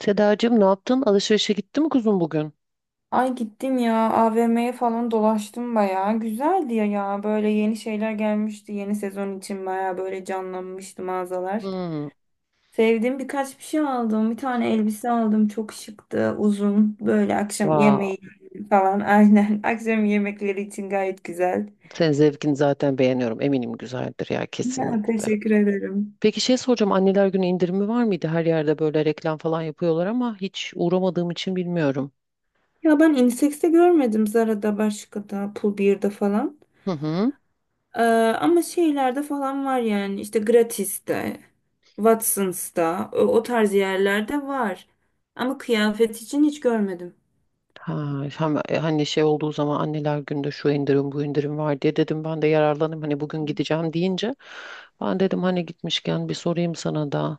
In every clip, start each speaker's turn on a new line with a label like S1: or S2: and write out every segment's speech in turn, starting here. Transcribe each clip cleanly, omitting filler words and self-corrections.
S1: Sedacığım, ne yaptın? Alışverişe gitti mi kuzum bugün?
S2: Ay gittim ya AVM'ye falan dolaştım bayağı. Güzeldi ya, böyle yeni şeyler gelmişti. Yeni sezon için bayağı böyle canlanmıştı mağazalar.
S1: Hmm.
S2: Sevdiğim birkaç şey aldım. Bir tane elbise aldım. Çok şıktı. Uzun. Böyle akşam
S1: Wow.
S2: yemeği falan. Aynen. Akşam yemekleri için gayet güzel.
S1: Senin zevkini zaten beğeniyorum. Eminim güzeldir ya,
S2: Ya
S1: kesinlikle.
S2: teşekkür ederim.
S1: Peki, şey soracağım. Anneler Günü indirimi var mıydı? Her yerde böyle reklam falan yapıyorlar ama hiç uğramadığım için bilmiyorum.
S2: Ya ben Innisex'te görmedim. Zara'da, başka da, Pull&Bear'da falan.
S1: Hı hı.
S2: Ee, Ama şeylerde falan var, yani işte gratis'te, Watsons'ta o tarz yerlerde var. Ama kıyafet için hiç görmedim.
S1: Ha, hani şey olduğu zaman anneler günde şu indirim bu indirim var diye dedim ben de yararlanayım, hani bugün gideceğim deyince ben dedim hani gitmişken bir sorayım sana da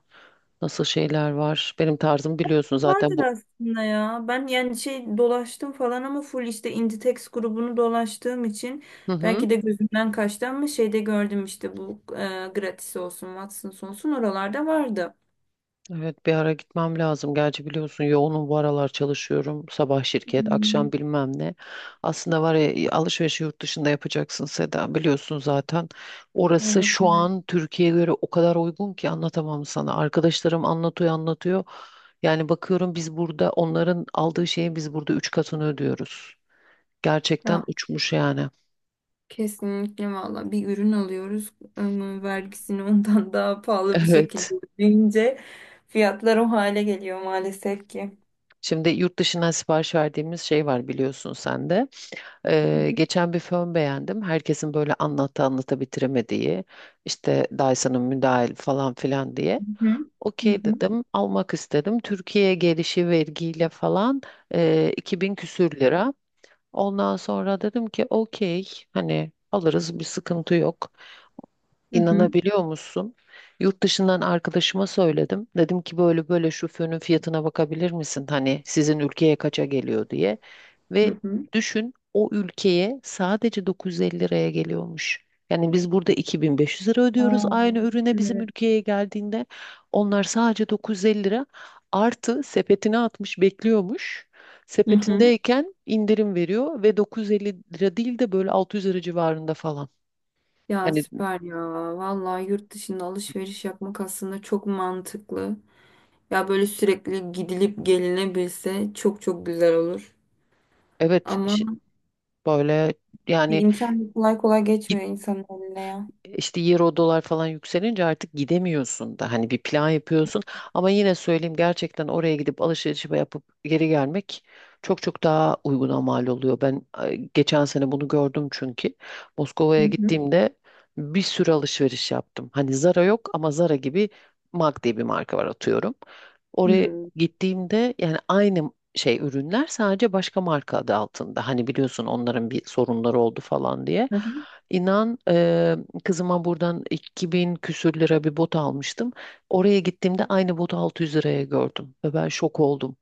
S1: nasıl şeyler var, benim tarzım biliyorsun zaten
S2: Vardır
S1: bu.
S2: aslında ya. Ben yani şey dolaştım falan ama full işte Inditex grubunu dolaştığım için
S1: Hı hı.
S2: belki de gözümden kaçtı, ama şeyde gördüm işte bu gratis olsun, Watsons olsun, oralarda vardı.
S1: Evet, bir ara gitmem lazım. Gerçi biliyorsun yoğunum bu aralar, çalışıyorum. Sabah şirket,
S2: Hmm,
S1: akşam bilmem ne. Aslında var ya, alışverişi yurt dışında yapacaksın Seda. Biliyorsun zaten. Orası
S2: evet,
S1: şu
S2: evet.
S1: an Türkiye'ye göre o kadar uygun ki anlatamam sana. Arkadaşlarım anlatıyor anlatıyor. Yani bakıyorum, biz burada onların aldığı şeyin biz burada üç katını ödüyoruz. Gerçekten
S2: Ya,
S1: uçmuş yani.
S2: kesinlikle valla bir ürün alıyoruz ama vergisini ondan daha pahalı bir
S1: Evet.
S2: şekilde ödeyince fiyatlar o hale geliyor maalesef ki.
S1: Şimdi yurt dışından sipariş verdiğimiz şey var, biliyorsun sen de.
S2: Hı
S1: Geçen bir fön beğendim. Herkesin böyle anlattı anlata bitiremediği işte Dyson'ın, müdahil falan filan diye.
S2: hı. Hı
S1: Okey
S2: hı.
S1: dedim, almak istedim. Türkiye'ye gelişi vergiyle falan 2000 küsür lira. Ondan sonra dedim ki okey, hani alırız, bir sıkıntı yok.
S2: Hı hı,
S1: İnanabiliyor musun? Yurt dışından arkadaşıma söyledim. Dedim ki böyle böyle şu fönün fiyatına bakabilir misin? Hani sizin ülkeye kaça geliyor diye.
S2: hı
S1: Ve
S2: hı.
S1: düşün, o ülkeye sadece 950 liraya geliyormuş. Yani biz burada 2500 lira ödüyoruz
S2: Aa,
S1: aynı ürüne bizim
S2: evet.
S1: ülkeye geldiğinde. Onlar sadece 950 lira artı sepetine atmış bekliyormuş.
S2: Hı hı.
S1: Sepetindeyken indirim veriyor ve 950 lira değil de böyle 600 lira civarında falan.
S2: Ya
S1: Yani
S2: süper ya. Vallahi yurt dışında alışveriş yapmak aslında çok mantıklı. Ya böyle sürekli gidilip gelinebilse çok çok güzel olur.
S1: evet,
S2: Ama
S1: böyle
S2: bir
S1: yani
S2: imkan kolay kolay geçmiyor insanın eline ya.
S1: işte euro dolar falan yükselince artık gidemiyorsun da hani bir plan yapıyorsun ama yine söyleyeyim, gerçekten oraya gidip alışveriş yapıp geri gelmek çok çok daha uyguna mal oluyor. Ben geçen sene bunu gördüm çünkü
S2: Hı
S1: Moskova'ya
S2: hı.
S1: gittiğimde bir sürü alışveriş yaptım. Hani Zara yok ama Zara gibi MAC diye bir marka var, atıyorum. Oraya
S2: Hmm.
S1: gittiğimde yani aynı şey, ürünler sadece başka marka adı altında. Hani biliyorsun onların bir sorunları oldu falan diye.
S2: Hı hı.
S1: İnan, kızıma buradan 2000 küsür lira bir bot almıştım. Oraya gittiğimde aynı botu 600 liraya gördüm ve ben şok oldum.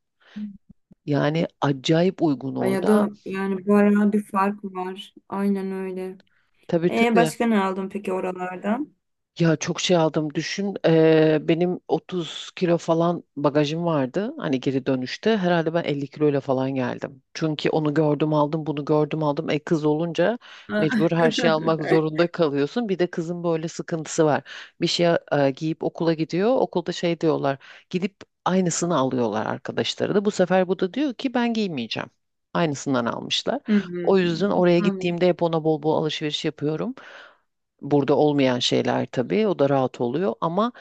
S1: Yani acayip uygun
S2: Ay, ya
S1: orada.
S2: da yani bu ara bir fark var. Aynen öyle.
S1: Tabii
S2: E
S1: tabii.
S2: başka ne aldın peki oralardan?
S1: Ya çok şey aldım, düşün. Benim 30 kilo falan bagajım vardı, hani geri dönüşte. Herhalde ben 50 kiloyla falan geldim. Çünkü onu gördüm aldım, bunu gördüm aldım. E kız olunca
S2: Aa.
S1: mecbur her şeyi almak zorunda kalıyorsun. Bir de kızın böyle sıkıntısı var. Bir şey giyip okula gidiyor. Okulda şey diyorlar. Gidip aynısını alıyorlar arkadaşları da. Bu sefer bu da diyor ki ben giymeyeceğim. Aynısından almışlar. O
S2: Hı-hı.
S1: yüzden oraya
S2: Anladım.
S1: gittiğimde hep ona bol bol alışveriş yapıyorum. Burada olmayan şeyler tabii, o da rahat oluyor ama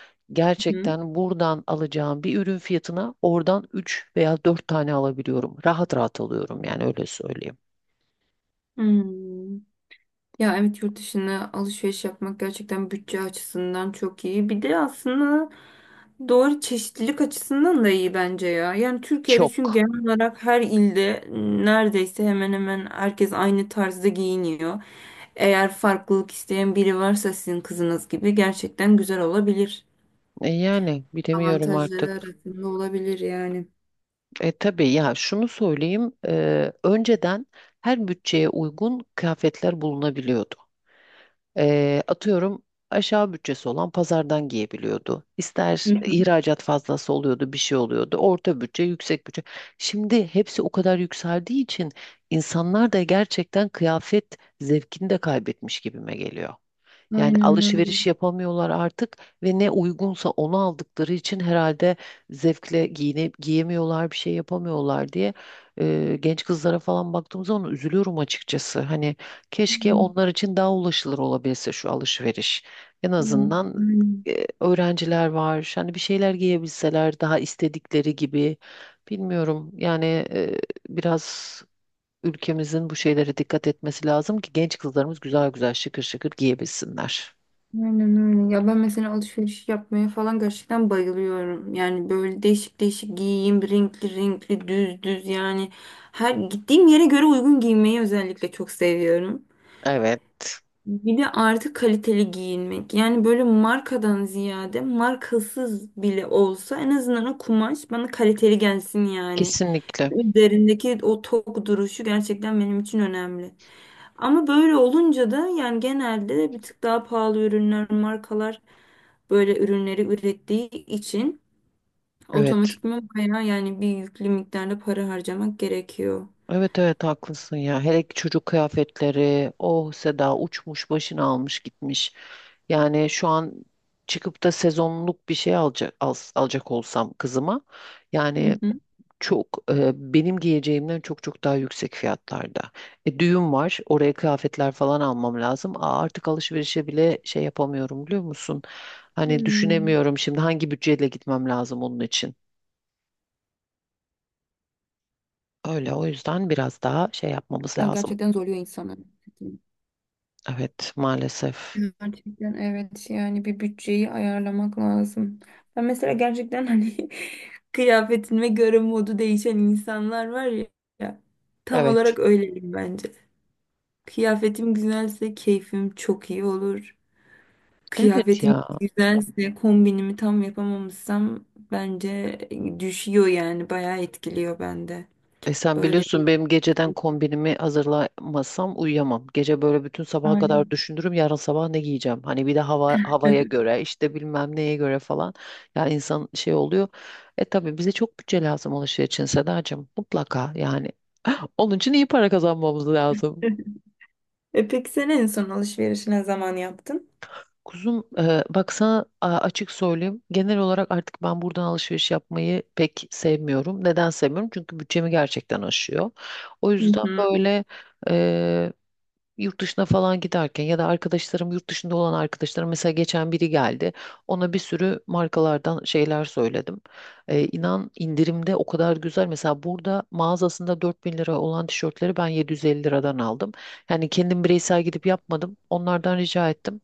S2: Hı.
S1: gerçekten buradan alacağım bir ürün fiyatına oradan 3 veya 4 tane alabiliyorum. Rahat rahat alıyorum, yani öyle söyleyeyim.
S2: Hmm. Ya evet, yurt dışına alışveriş yapmak gerçekten bütçe açısından çok iyi. Bir de aslında doğru, çeşitlilik açısından da iyi bence ya. Yani Türkiye'de çünkü
S1: Çok.
S2: genel olarak her ilde neredeyse hemen hemen herkes aynı tarzda giyiniyor. Eğer farklılık isteyen biri varsa, sizin kızınız gibi, gerçekten güzel olabilir.
S1: Yani bilemiyorum
S2: Avantajları
S1: artık.
S2: arasında olabilir yani.
S1: E tabii ya, şunu söyleyeyim. Önceden her bütçeye uygun kıyafetler bulunabiliyordu. Atıyorum, aşağı bütçesi olan pazardan giyebiliyordu. İster
S2: Hı hı.
S1: ihracat fazlası oluyordu, bir şey oluyordu. Orta bütçe, yüksek bütçe. Şimdi hepsi o kadar yükseldiği için insanlar da gerçekten kıyafet zevkini de kaybetmiş gibime geliyor. Yani
S2: Aynen öyle.
S1: alışveriş yapamıyorlar artık ve ne uygunsa onu aldıkları için herhalde zevkle giyemiyorlar, bir şey yapamıyorlar diye genç kızlara falan baktığım zaman üzülüyorum açıkçası. Hani keşke
S2: Hı.
S1: onlar için daha ulaşılır olabilse şu alışveriş. En
S2: Evet,
S1: azından
S2: aynen.
S1: öğrenciler var. Hani bir şeyler giyebilseler daha istedikleri gibi. Bilmiyorum. Yani e, biraz ülkemizin bu şeylere dikkat etmesi lazım ki genç kızlarımız güzel güzel şıkır şıkır giyebilsinler.
S2: Aynen öyle. Ya ben mesela alışveriş yapmaya falan gerçekten bayılıyorum. Yani böyle değişik değişik giyeyim, renkli renkli, düz düz yani. Her gittiğim yere göre uygun giymeyi özellikle çok seviyorum.
S1: Evet.
S2: Bir de artık kaliteli giyinmek. Yani böyle markadan ziyade, markasız bile olsa, en azından o kumaş bana kaliteli gelsin yani.
S1: Kesinlikle.
S2: Üzerindeki o tok duruşu gerçekten benim için önemli. Ama böyle olunca da yani genelde bir tık daha pahalı ürünler, markalar böyle ürünleri ürettiği için
S1: Evet.
S2: otomatikman bayağı yani bir yüklü miktarda para harcamak gerekiyor.
S1: Evet evet, haklısın ya. Hele ki çocuk kıyafetleri. Oh Seda, uçmuş başını almış gitmiş. Yani şu an çıkıp da sezonluk bir şey alacak alacak olsam kızıma,
S2: Hı
S1: yani
S2: hı.
S1: çok benim giyeceğimden çok çok daha yüksek fiyatlarda. Düğün var. Oraya kıyafetler falan almam lazım. Aa, artık alışverişe bile şey yapamıyorum, biliyor musun? Hani
S2: Hmm.
S1: düşünemiyorum şimdi hangi bütçeyle gitmem lazım onun için. Öyle, o yüzden biraz daha şey yapmamız
S2: Ya
S1: lazım.
S2: gerçekten zorluyor insanı.
S1: Evet, maalesef.
S2: Gerçekten evet, yani bir bütçeyi ayarlamak lazım. Ben mesela gerçekten hani kıyafetime göre modu değişen insanlar var ya, tam
S1: Evet.
S2: olarak öyleyim bence. Kıyafetim güzelse keyfim çok iyi olur.
S1: Evet
S2: Kıyafetim
S1: ya.
S2: güzelse, kombinimi tam yapamamışsam, bence düşüyor, yani bayağı etkiliyor bende.
S1: Sen
S2: Öyle bir...
S1: biliyorsun, benim geceden kombinimi hazırlamasam uyuyamam. Gece böyle bütün sabaha kadar
S2: Aynen.
S1: düşünürüm yarın sabah ne giyeceğim. Hani bir de hava havaya göre, işte bilmem neye göre falan. Ya insan şey oluyor. Tabii bize çok bütçe lazım alışveriş için, Sedacığım. Mutlaka yani. Onun için iyi para kazanmamız lazım.
S2: E peki sen en son alışverişi ne zaman yaptın?
S1: Kuzum bak sana açık söyleyeyim. Genel olarak artık ben buradan alışveriş yapmayı pek sevmiyorum. Neden sevmiyorum? Çünkü bütçemi gerçekten aşıyor. O
S2: Hı
S1: yüzden
S2: hı.
S1: böyle e, yurt dışına falan giderken ya da arkadaşlarım, yurt dışında olan arkadaşlarım, mesela geçen biri geldi. Ona bir sürü markalardan şeyler söyledim. E, inan indirimde o kadar güzel. Mesela burada mağazasında 4000 lira olan tişörtleri ben 750 liradan aldım. Yani kendim bireysel gidip yapmadım. Onlardan rica ettim.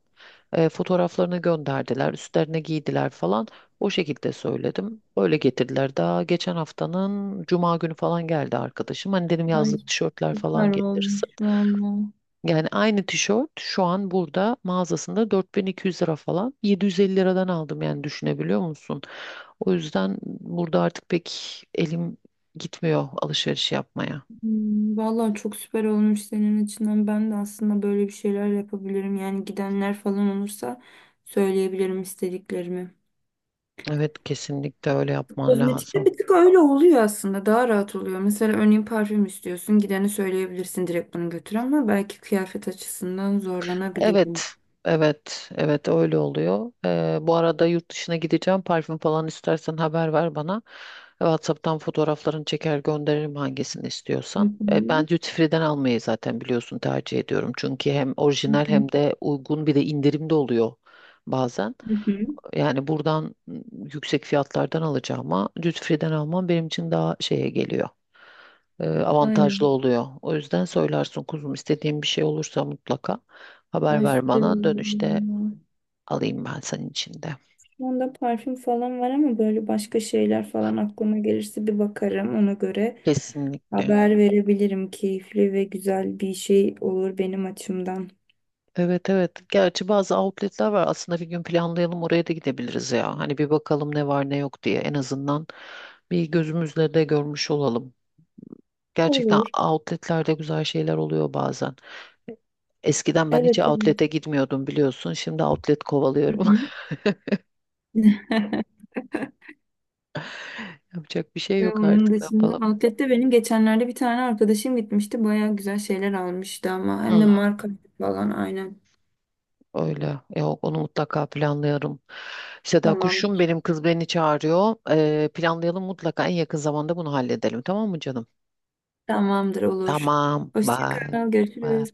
S1: Fotoğraflarını gönderdiler, üstlerine giydiler falan. O şekilde söyledim. Öyle getirdiler. Daha geçen haftanın cuma günü falan geldi arkadaşım. Hani dedim
S2: Ay
S1: yazlık tişörtler
S2: süper
S1: falan
S2: olmuş
S1: getirirsin.
S2: valla.
S1: Yani aynı tişört şu an burada mağazasında 4200 lira falan. 750 liradan aldım, yani düşünebiliyor musun? O yüzden burada artık pek elim gitmiyor alışveriş yapmaya.
S2: Hmm, valla çok süper olmuş senin açından. Ben de aslında böyle bir şeyler yapabilirim. Yani gidenler falan olursa söyleyebilirim istediklerimi.
S1: Evet, kesinlikle öyle yapman
S2: Kozmetikte
S1: lazım.
S2: bir tık öyle oluyor aslında. Daha rahat oluyor. Mesela örneğin parfüm istiyorsun. Gideni söyleyebilirsin, direkt bunu götür, ama belki kıyafet açısından zorlanabilirim.
S1: Evet, evet, evet, öyle oluyor. Bu arada yurt dışına gideceğim. Parfüm falan istersen haber ver bana. WhatsApp'tan fotoğraflarını çeker gönderirim hangisini
S2: Hı
S1: istiyorsan. Ee,
S2: hı.
S1: ben duty free'den almayı zaten biliyorsun, tercih ediyorum. Çünkü hem
S2: Hı
S1: orijinal
S2: hı.
S1: hem de uygun, bir de indirimde oluyor bazen.
S2: Hı hı.
S1: Yani buradan yüksek fiyatlardan alacağıma duty free'den almam benim için daha şeye geliyor, avantajlı
S2: Aynen.
S1: oluyor. O yüzden söylersin kuzum, istediğin bir şey olursa mutlaka haber
S2: Ay
S1: ver
S2: süper
S1: bana. Dönüşte
S2: olur.
S1: alayım ben senin için de.
S2: Şu anda parfüm falan var ama böyle başka şeyler falan aklıma gelirse bir bakarım. Ona göre
S1: Kesinlikle.
S2: haber verebilirim. Keyifli ve güzel bir şey olur benim açımdan.
S1: Evet evet. Gerçi bazı outletler var. Aslında bir gün planlayalım, oraya da gidebiliriz ya. Hani bir bakalım ne var ne yok diye. En azından bir gözümüzle de görmüş olalım. Gerçekten
S2: Olur.
S1: outletlerde güzel şeyler oluyor bazen. Eskiden ben hiç
S2: Evet, evet.
S1: outlet'e gitmiyordum, biliyorsun. Şimdi outlet kovalıyorum.
S2: Hı hı.
S1: Yapacak bir şey
S2: Ve
S1: yok,
S2: onun
S1: artık ne
S2: dışında
S1: yapalım.
S2: outlet'te benim geçenlerde bir tane arkadaşım gitmişti. Baya güzel şeyler almıştı, ama hem de marka falan, aynen.
S1: Öyle. Yok, onu mutlaka planlayalım. Seda kuşum,
S2: Tamamdır.
S1: benim kız beni çağırıyor. Planlayalım mutlaka, en yakın zamanda bunu halledelim. Tamam mı canım?
S2: Tamamdır, olur.
S1: Tamam.
S2: Hoşça
S1: Bye.
S2: kal,
S1: Bye.
S2: görüşürüz.